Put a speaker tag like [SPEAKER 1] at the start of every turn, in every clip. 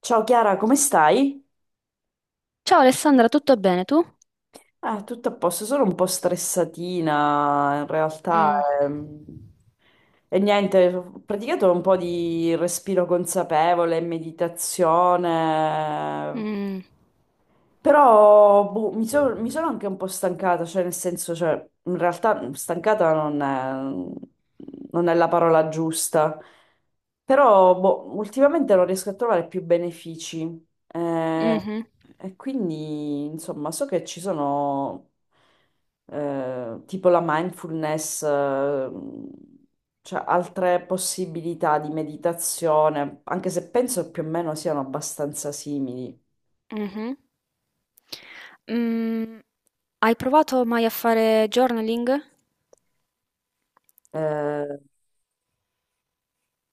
[SPEAKER 1] Ciao Chiara, come stai?
[SPEAKER 2] Ciao Alessandra, tutto bene tu?
[SPEAKER 1] Ah, tutto a posto, sono un po' stressatina in realtà.
[SPEAKER 2] Mm,
[SPEAKER 1] ehm. E niente, ho praticato un po' di respiro consapevole, meditazione,
[SPEAKER 2] mm,
[SPEAKER 1] però boh, mi sono anche un po' stancata, cioè nel senso, cioè, in realtà stancata non è la parola giusta, però boh, ultimamente non riesco a trovare più benefici. Eh,
[SPEAKER 2] mhm,
[SPEAKER 1] E quindi, insomma, so che ci sono tipo la mindfulness, cioè altre possibilità di meditazione, anche se penso più o meno siano abbastanza simili.
[SPEAKER 2] mhm. Mm, Hai provato mai a fare journaling?
[SPEAKER 1] Eh,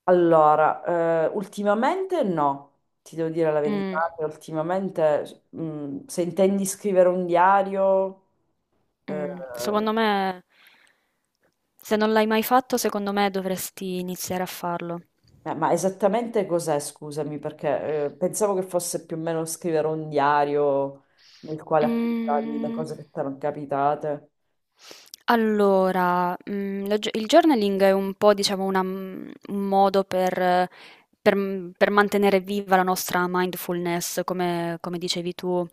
[SPEAKER 1] allora, ultimamente no, ti devo dire la
[SPEAKER 2] Mm,
[SPEAKER 1] verità, che ultimamente, se intendi scrivere un diario, eh.
[SPEAKER 2] mm. Secondo me, se non l'hai mai fatto, secondo me dovresti iniziare a farlo.
[SPEAKER 1] Ma esattamente cos'è, scusami, perché pensavo che fosse più o meno scrivere un diario nel quale appuntavi le cose
[SPEAKER 2] Mm.
[SPEAKER 1] che ti erano capitate.
[SPEAKER 2] Allora, la gio il journaling è un po', diciamo, un modo per mantenere viva la nostra mindfulness, come dicevi tu.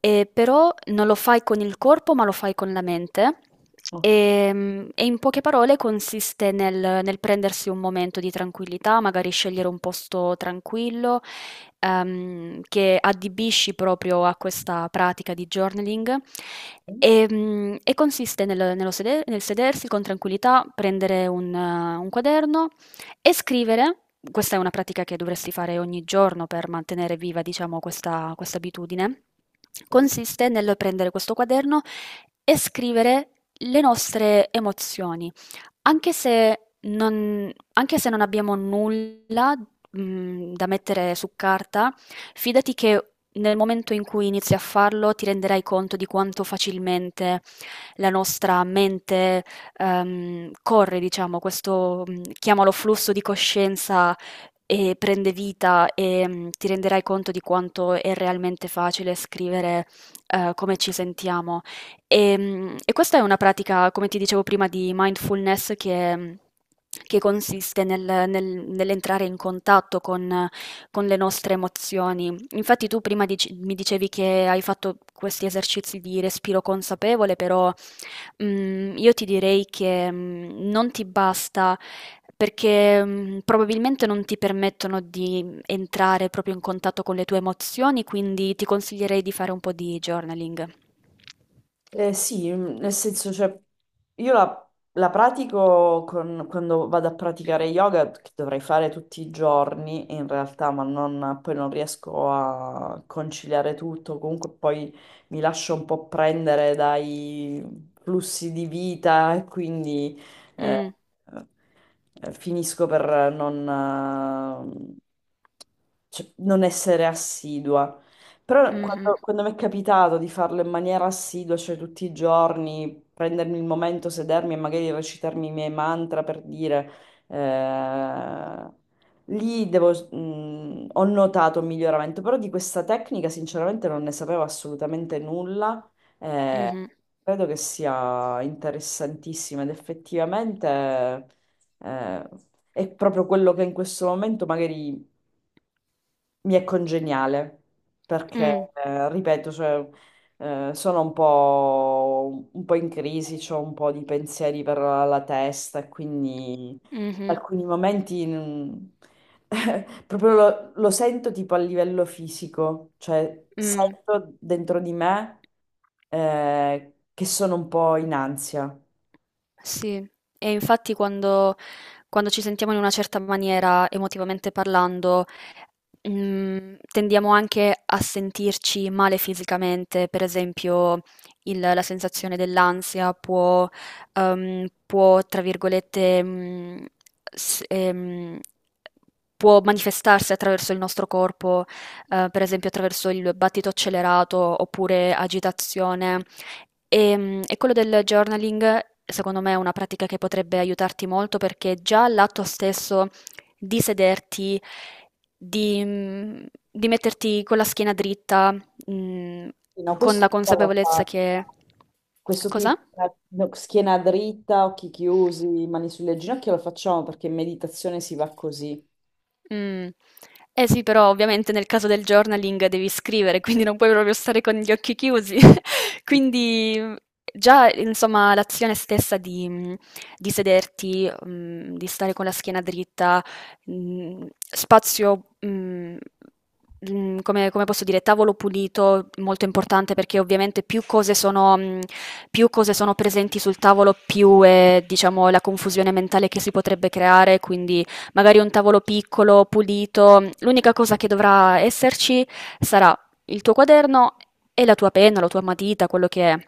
[SPEAKER 2] Però non lo fai con il corpo, ma lo fai con la mente. E in poche parole consiste nel prendersi un momento di tranquillità, magari scegliere un posto tranquillo, che adibisci proprio a questa pratica di journaling,
[SPEAKER 1] Ok.
[SPEAKER 2] e, e consiste nel sedersi con tranquillità, prendere un quaderno e scrivere. Questa è una pratica che dovresti fare ogni giorno, per mantenere viva, diciamo, questa abitudine. Consiste nel prendere questo quaderno e scrivere le nostre emozioni. Anche se non abbiamo nulla, da mettere su carta, fidati che nel momento in cui inizi a farlo ti renderai conto di quanto facilmente la nostra mente, corre, diciamo, questo, chiamalo flusso di coscienza, e prende vita, e, ti renderai conto di quanto è realmente facile scrivere, come ci sentiamo. E questa è una pratica, come ti dicevo prima, di mindfulness, che consiste nell'entrare in contatto con le nostre emozioni. Infatti, tu prima dici mi dicevi che hai fatto questi esercizi di respiro consapevole. Però io ti direi che, non ti basta, perché, probabilmente non ti permettono di entrare proprio in contatto con le tue emozioni, quindi ti consiglierei di fare un po' di journaling.
[SPEAKER 1] Sì, mm, nel senso, cioè, io la pratico quando vado a praticare yoga, che dovrei fare tutti i giorni in realtà, ma poi non riesco a conciliare tutto, comunque poi mi lascio un po' prendere dai flussi di vita e quindi eh,
[SPEAKER 2] Mh.
[SPEAKER 1] finisco per non, eh, cioè, non essere assidua. Però
[SPEAKER 2] Mh-mh.
[SPEAKER 1] quando mi è capitato di farlo in maniera assidua, cioè tutti i giorni, prendermi il momento, sedermi e magari recitarmi i miei mantra per dire, eh, lì ho notato un miglioramento, però di questa tecnica sinceramente non ne sapevo assolutamente nulla. eh,
[SPEAKER 2] Mh-mh.
[SPEAKER 1] Credo che sia interessantissima ed effettivamente, eh, è proprio quello che in questo momento magari mi è congeniale perché,
[SPEAKER 2] Mh.
[SPEAKER 1] ripeto, cioè, sono un po' in crisi, ho un po' di pensieri per la testa e quindi
[SPEAKER 2] Mh-mh.
[SPEAKER 1] alcuni momenti proprio lo sento tipo a livello fisico, cioè
[SPEAKER 2] Mh.
[SPEAKER 1] sento dentro di me che sono un po' in ansia.
[SPEAKER 2] Sì, e infatti, quando ci sentiamo in una certa maniera, emotivamente parlando, tendiamo anche a sentirci male fisicamente. Per esempio, la sensazione dell'ansia può, tra virgolette, s- ehm, può manifestarsi attraverso il nostro corpo, per esempio attraverso il battito accelerato oppure agitazione. E quello del journaling, secondo me, è una pratica che potrebbe aiutarti molto, perché già l'atto stesso di sederti, di, mm, di metterti con la schiena dritta, mm,
[SPEAKER 1] Sì, no,
[SPEAKER 2] con
[SPEAKER 1] questo
[SPEAKER 2] la
[SPEAKER 1] l'ho
[SPEAKER 2] consapevolezza
[SPEAKER 1] fatto.
[SPEAKER 2] che...
[SPEAKER 1] Questo qui,
[SPEAKER 2] Cosa?
[SPEAKER 1] no, schiena dritta, occhi chiusi, mani sulle ginocchia, lo facciamo perché in meditazione si va così.
[SPEAKER 2] Mm. Eh sì, però ovviamente nel caso del journaling devi scrivere, quindi non puoi proprio stare con gli occhi chiusi. Quindi, già, insomma, l'azione stessa di sederti, di stare con la schiena dritta, spazio, come posso dire, tavolo pulito, molto importante, perché ovviamente più cose sono presenti sul tavolo, più è, diciamo, la confusione mentale che si potrebbe creare. Quindi magari un tavolo piccolo, pulito. L'unica cosa che dovrà esserci sarà il tuo quaderno e la tua penna, la tua matita, quello che è.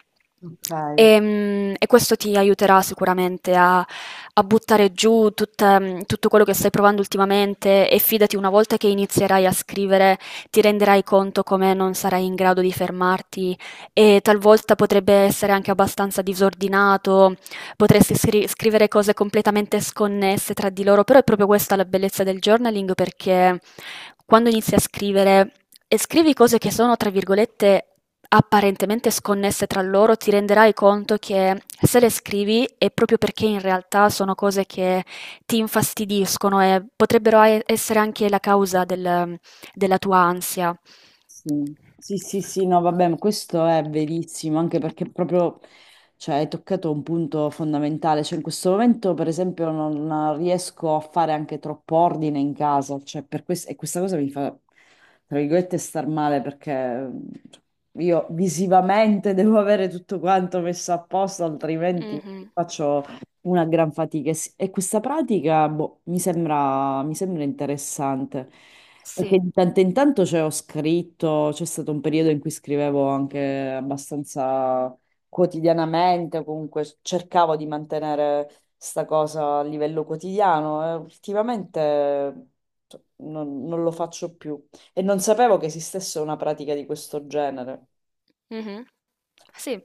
[SPEAKER 1] Ok.
[SPEAKER 2] Questo ti aiuterà sicuramente a, a buttare giù tutto quello che stai provando ultimamente, e fidati, una volta che inizierai a scrivere, ti renderai conto come non sarai in grado di fermarti, e talvolta potrebbe essere anche abbastanza disordinato. Potresti scrivere cose completamente sconnesse tra di loro, però è proprio questa la bellezza del journaling, perché quando inizi a scrivere e scrivi cose che sono, tra virgolette, apparentemente sconnesse tra loro, ti renderai conto che se le scrivi è proprio perché in realtà sono cose che ti infastidiscono, e potrebbero essere anche la causa della tua ansia.
[SPEAKER 1] Sì, sì, sì, sì, no, vabbè, ma questo è verissimo, anche perché proprio, cioè, hai toccato un punto fondamentale, cioè in questo momento, per esempio, non riesco a fare anche troppo ordine in casa, cioè, per questo, e questa cosa mi fa, tra virgolette, star male, perché io visivamente devo avere tutto quanto messo a posto, altrimenti
[SPEAKER 2] Mhm.
[SPEAKER 1] faccio... Una gran fatica e questa pratica boh, mi sembra interessante perché
[SPEAKER 2] Sì.
[SPEAKER 1] di tanto in tanto cioè, ho scritto, c'è stato un periodo in cui scrivevo anche abbastanza quotidianamente, o comunque cercavo di mantenere sta cosa a livello quotidiano e ultimamente cioè, non lo faccio più e non sapevo che esistesse una pratica di questo genere.
[SPEAKER 2] Mhm. Sì.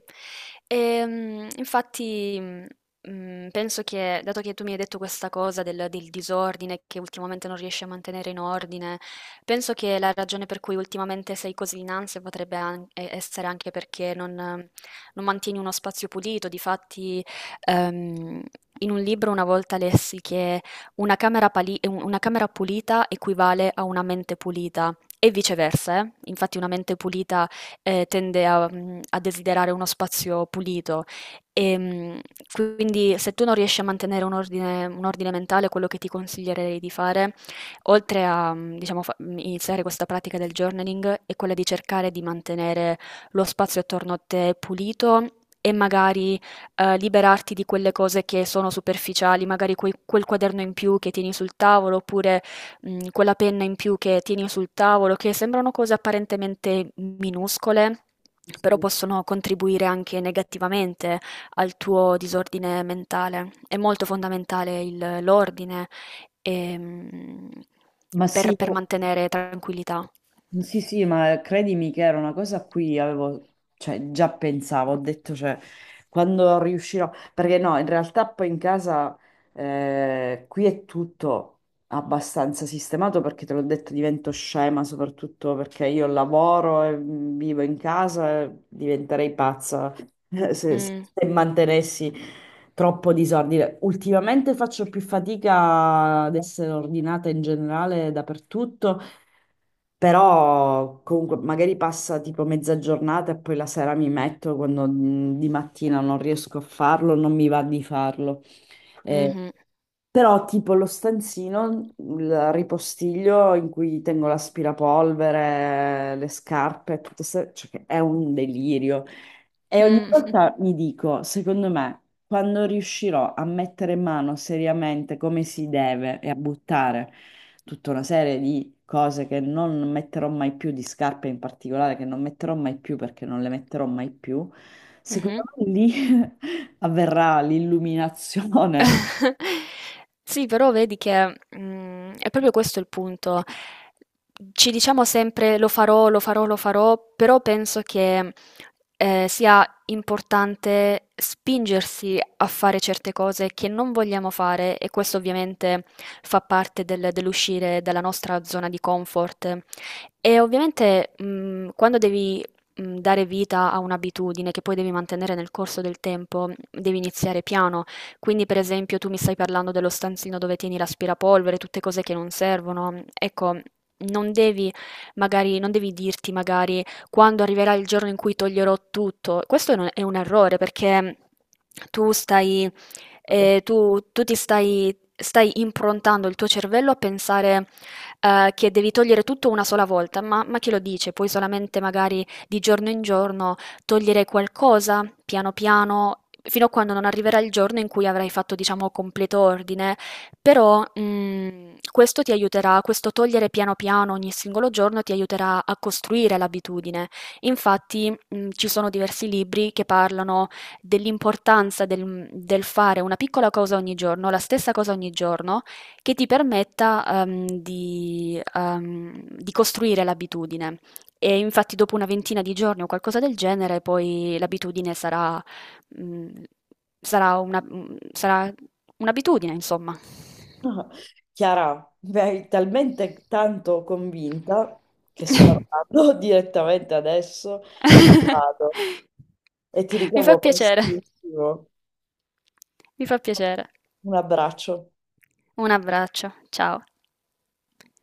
[SPEAKER 2] Infatti, penso che, dato che tu mi hai detto questa cosa del disordine che ultimamente non riesci a mantenere in ordine, penso che la ragione per cui ultimamente sei così in ansia potrebbe essere anche perché non mantieni uno spazio pulito. Difatti, ehm, in un libro una volta lessi che una camera pulita equivale a una mente pulita. E viceversa, eh. Infatti una mente pulita tende a desiderare uno spazio pulito, e, quindi se tu non riesci a mantenere un ordine mentale, quello che ti consiglierei di fare, oltre a, diciamo, iniziare questa pratica del journaling, è quella di cercare di mantenere lo spazio attorno a te pulito. E magari liberarti di quelle cose che sono superficiali, magari quel quaderno in più che tieni sul tavolo, oppure quella penna in più che tieni sul tavolo, che sembrano cose apparentemente minuscole,
[SPEAKER 1] Sì,
[SPEAKER 2] però
[SPEAKER 1] sì.
[SPEAKER 2] possono contribuire anche negativamente al tuo disordine mentale. È molto fondamentale il l'ordine, ehm,
[SPEAKER 1] Ma
[SPEAKER 2] per
[SPEAKER 1] sì,
[SPEAKER 2] per mantenere tranquillità.
[SPEAKER 1] sì, sì, ma credimi che era una cosa a cui avevo, cioè, già pensavo, ho detto, cioè, quando riuscirò, perché no, in realtà poi in casa qui è tutto abbastanza sistemato perché te l'ho detto, divento scema, soprattutto perché io lavoro e vivo in casa, e diventerei pazza se, se
[SPEAKER 2] Mh,
[SPEAKER 1] se mantenessi troppo disordine. Ultimamente faccio più fatica ad essere ordinata in generale dappertutto. Però comunque magari passa tipo mezza giornata e poi la sera mi metto quando di mattina non riesco a farlo, non mi va di farlo. Eh,
[SPEAKER 2] mh-mh.
[SPEAKER 1] però tipo lo stanzino, il ripostiglio in cui tengo l'aspirapolvere, le scarpe, tutto se- cioè, che è un delirio. E ogni
[SPEAKER 2] Mh,
[SPEAKER 1] volta mi dico, secondo me, quando riuscirò a mettere in mano seriamente come si deve e a buttare tutta una serie di cose che non metterò mai più, di scarpe in particolare, che non metterò mai più perché non le metterò mai più, secondo
[SPEAKER 2] mh-mh.
[SPEAKER 1] me lì avverrà l'illuminazione.
[SPEAKER 2] Sì, però vedi che, è proprio questo il punto. Ci diciamo sempre lo farò, lo farò, lo farò, però penso che sia importante spingersi a fare certe cose che non vogliamo fare, e questo ovviamente fa parte dell'uscire dalla nostra zona di comfort. E ovviamente, quando devi dare vita a un'abitudine che poi devi mantenere nel corso del tempo, devi iniziare piano. Quindi, per esempio, tu mi stai parlando dello stanzino dove tieni l'aspirapolvere, tutte cose che non servono. Ecco, non devi magari, non devi dirti magari quando arriverà il giorno in cui toglierò tutto. Questo è un errore, perché tu stai, tu ti stai improntando il tuo cervello a pensare, che devi togliere tutto una sola volta, ma chi lo dice? Puoi solamente, magari, di giorno in giorno togliere qualcosa, piano piano, fino a quando non arriverà il giorno in cui avrai fatto, diciamo, completo ordine. Però, questo ti aiuterà, questo togliere piano piano ogni singolo giorno ti aiuterà a costruire l'abitudine. Infatti, ci sono diversi libri che parlano dell'importanza del fare una piccola cosa ogni giorno, la stessa cosa ogni giorno, che ti permetta, di costruire l'abitudine. E infatti, dopo una ventina di giorni o qualcosa del genere, poi l'abitudine sarà, mhmm, sarà una mhmm, sarà un'abitudine, insomma.
[SPEAKER 1] Chiara, mi hai talmente tanto convinta che salgo direttamente adesso, vado e ti
[SPEAKER 2] Mi fa
[SPEAKER 1] richiamo
[SPEAKER 2] piacere,
[SPEAKER 1] prestissimo.
[SPEAKER 2] mi fa piacere.
[SPEAKER 1] Un abbraccio.
[SPEAKER 2] Un abbraccio, ciao.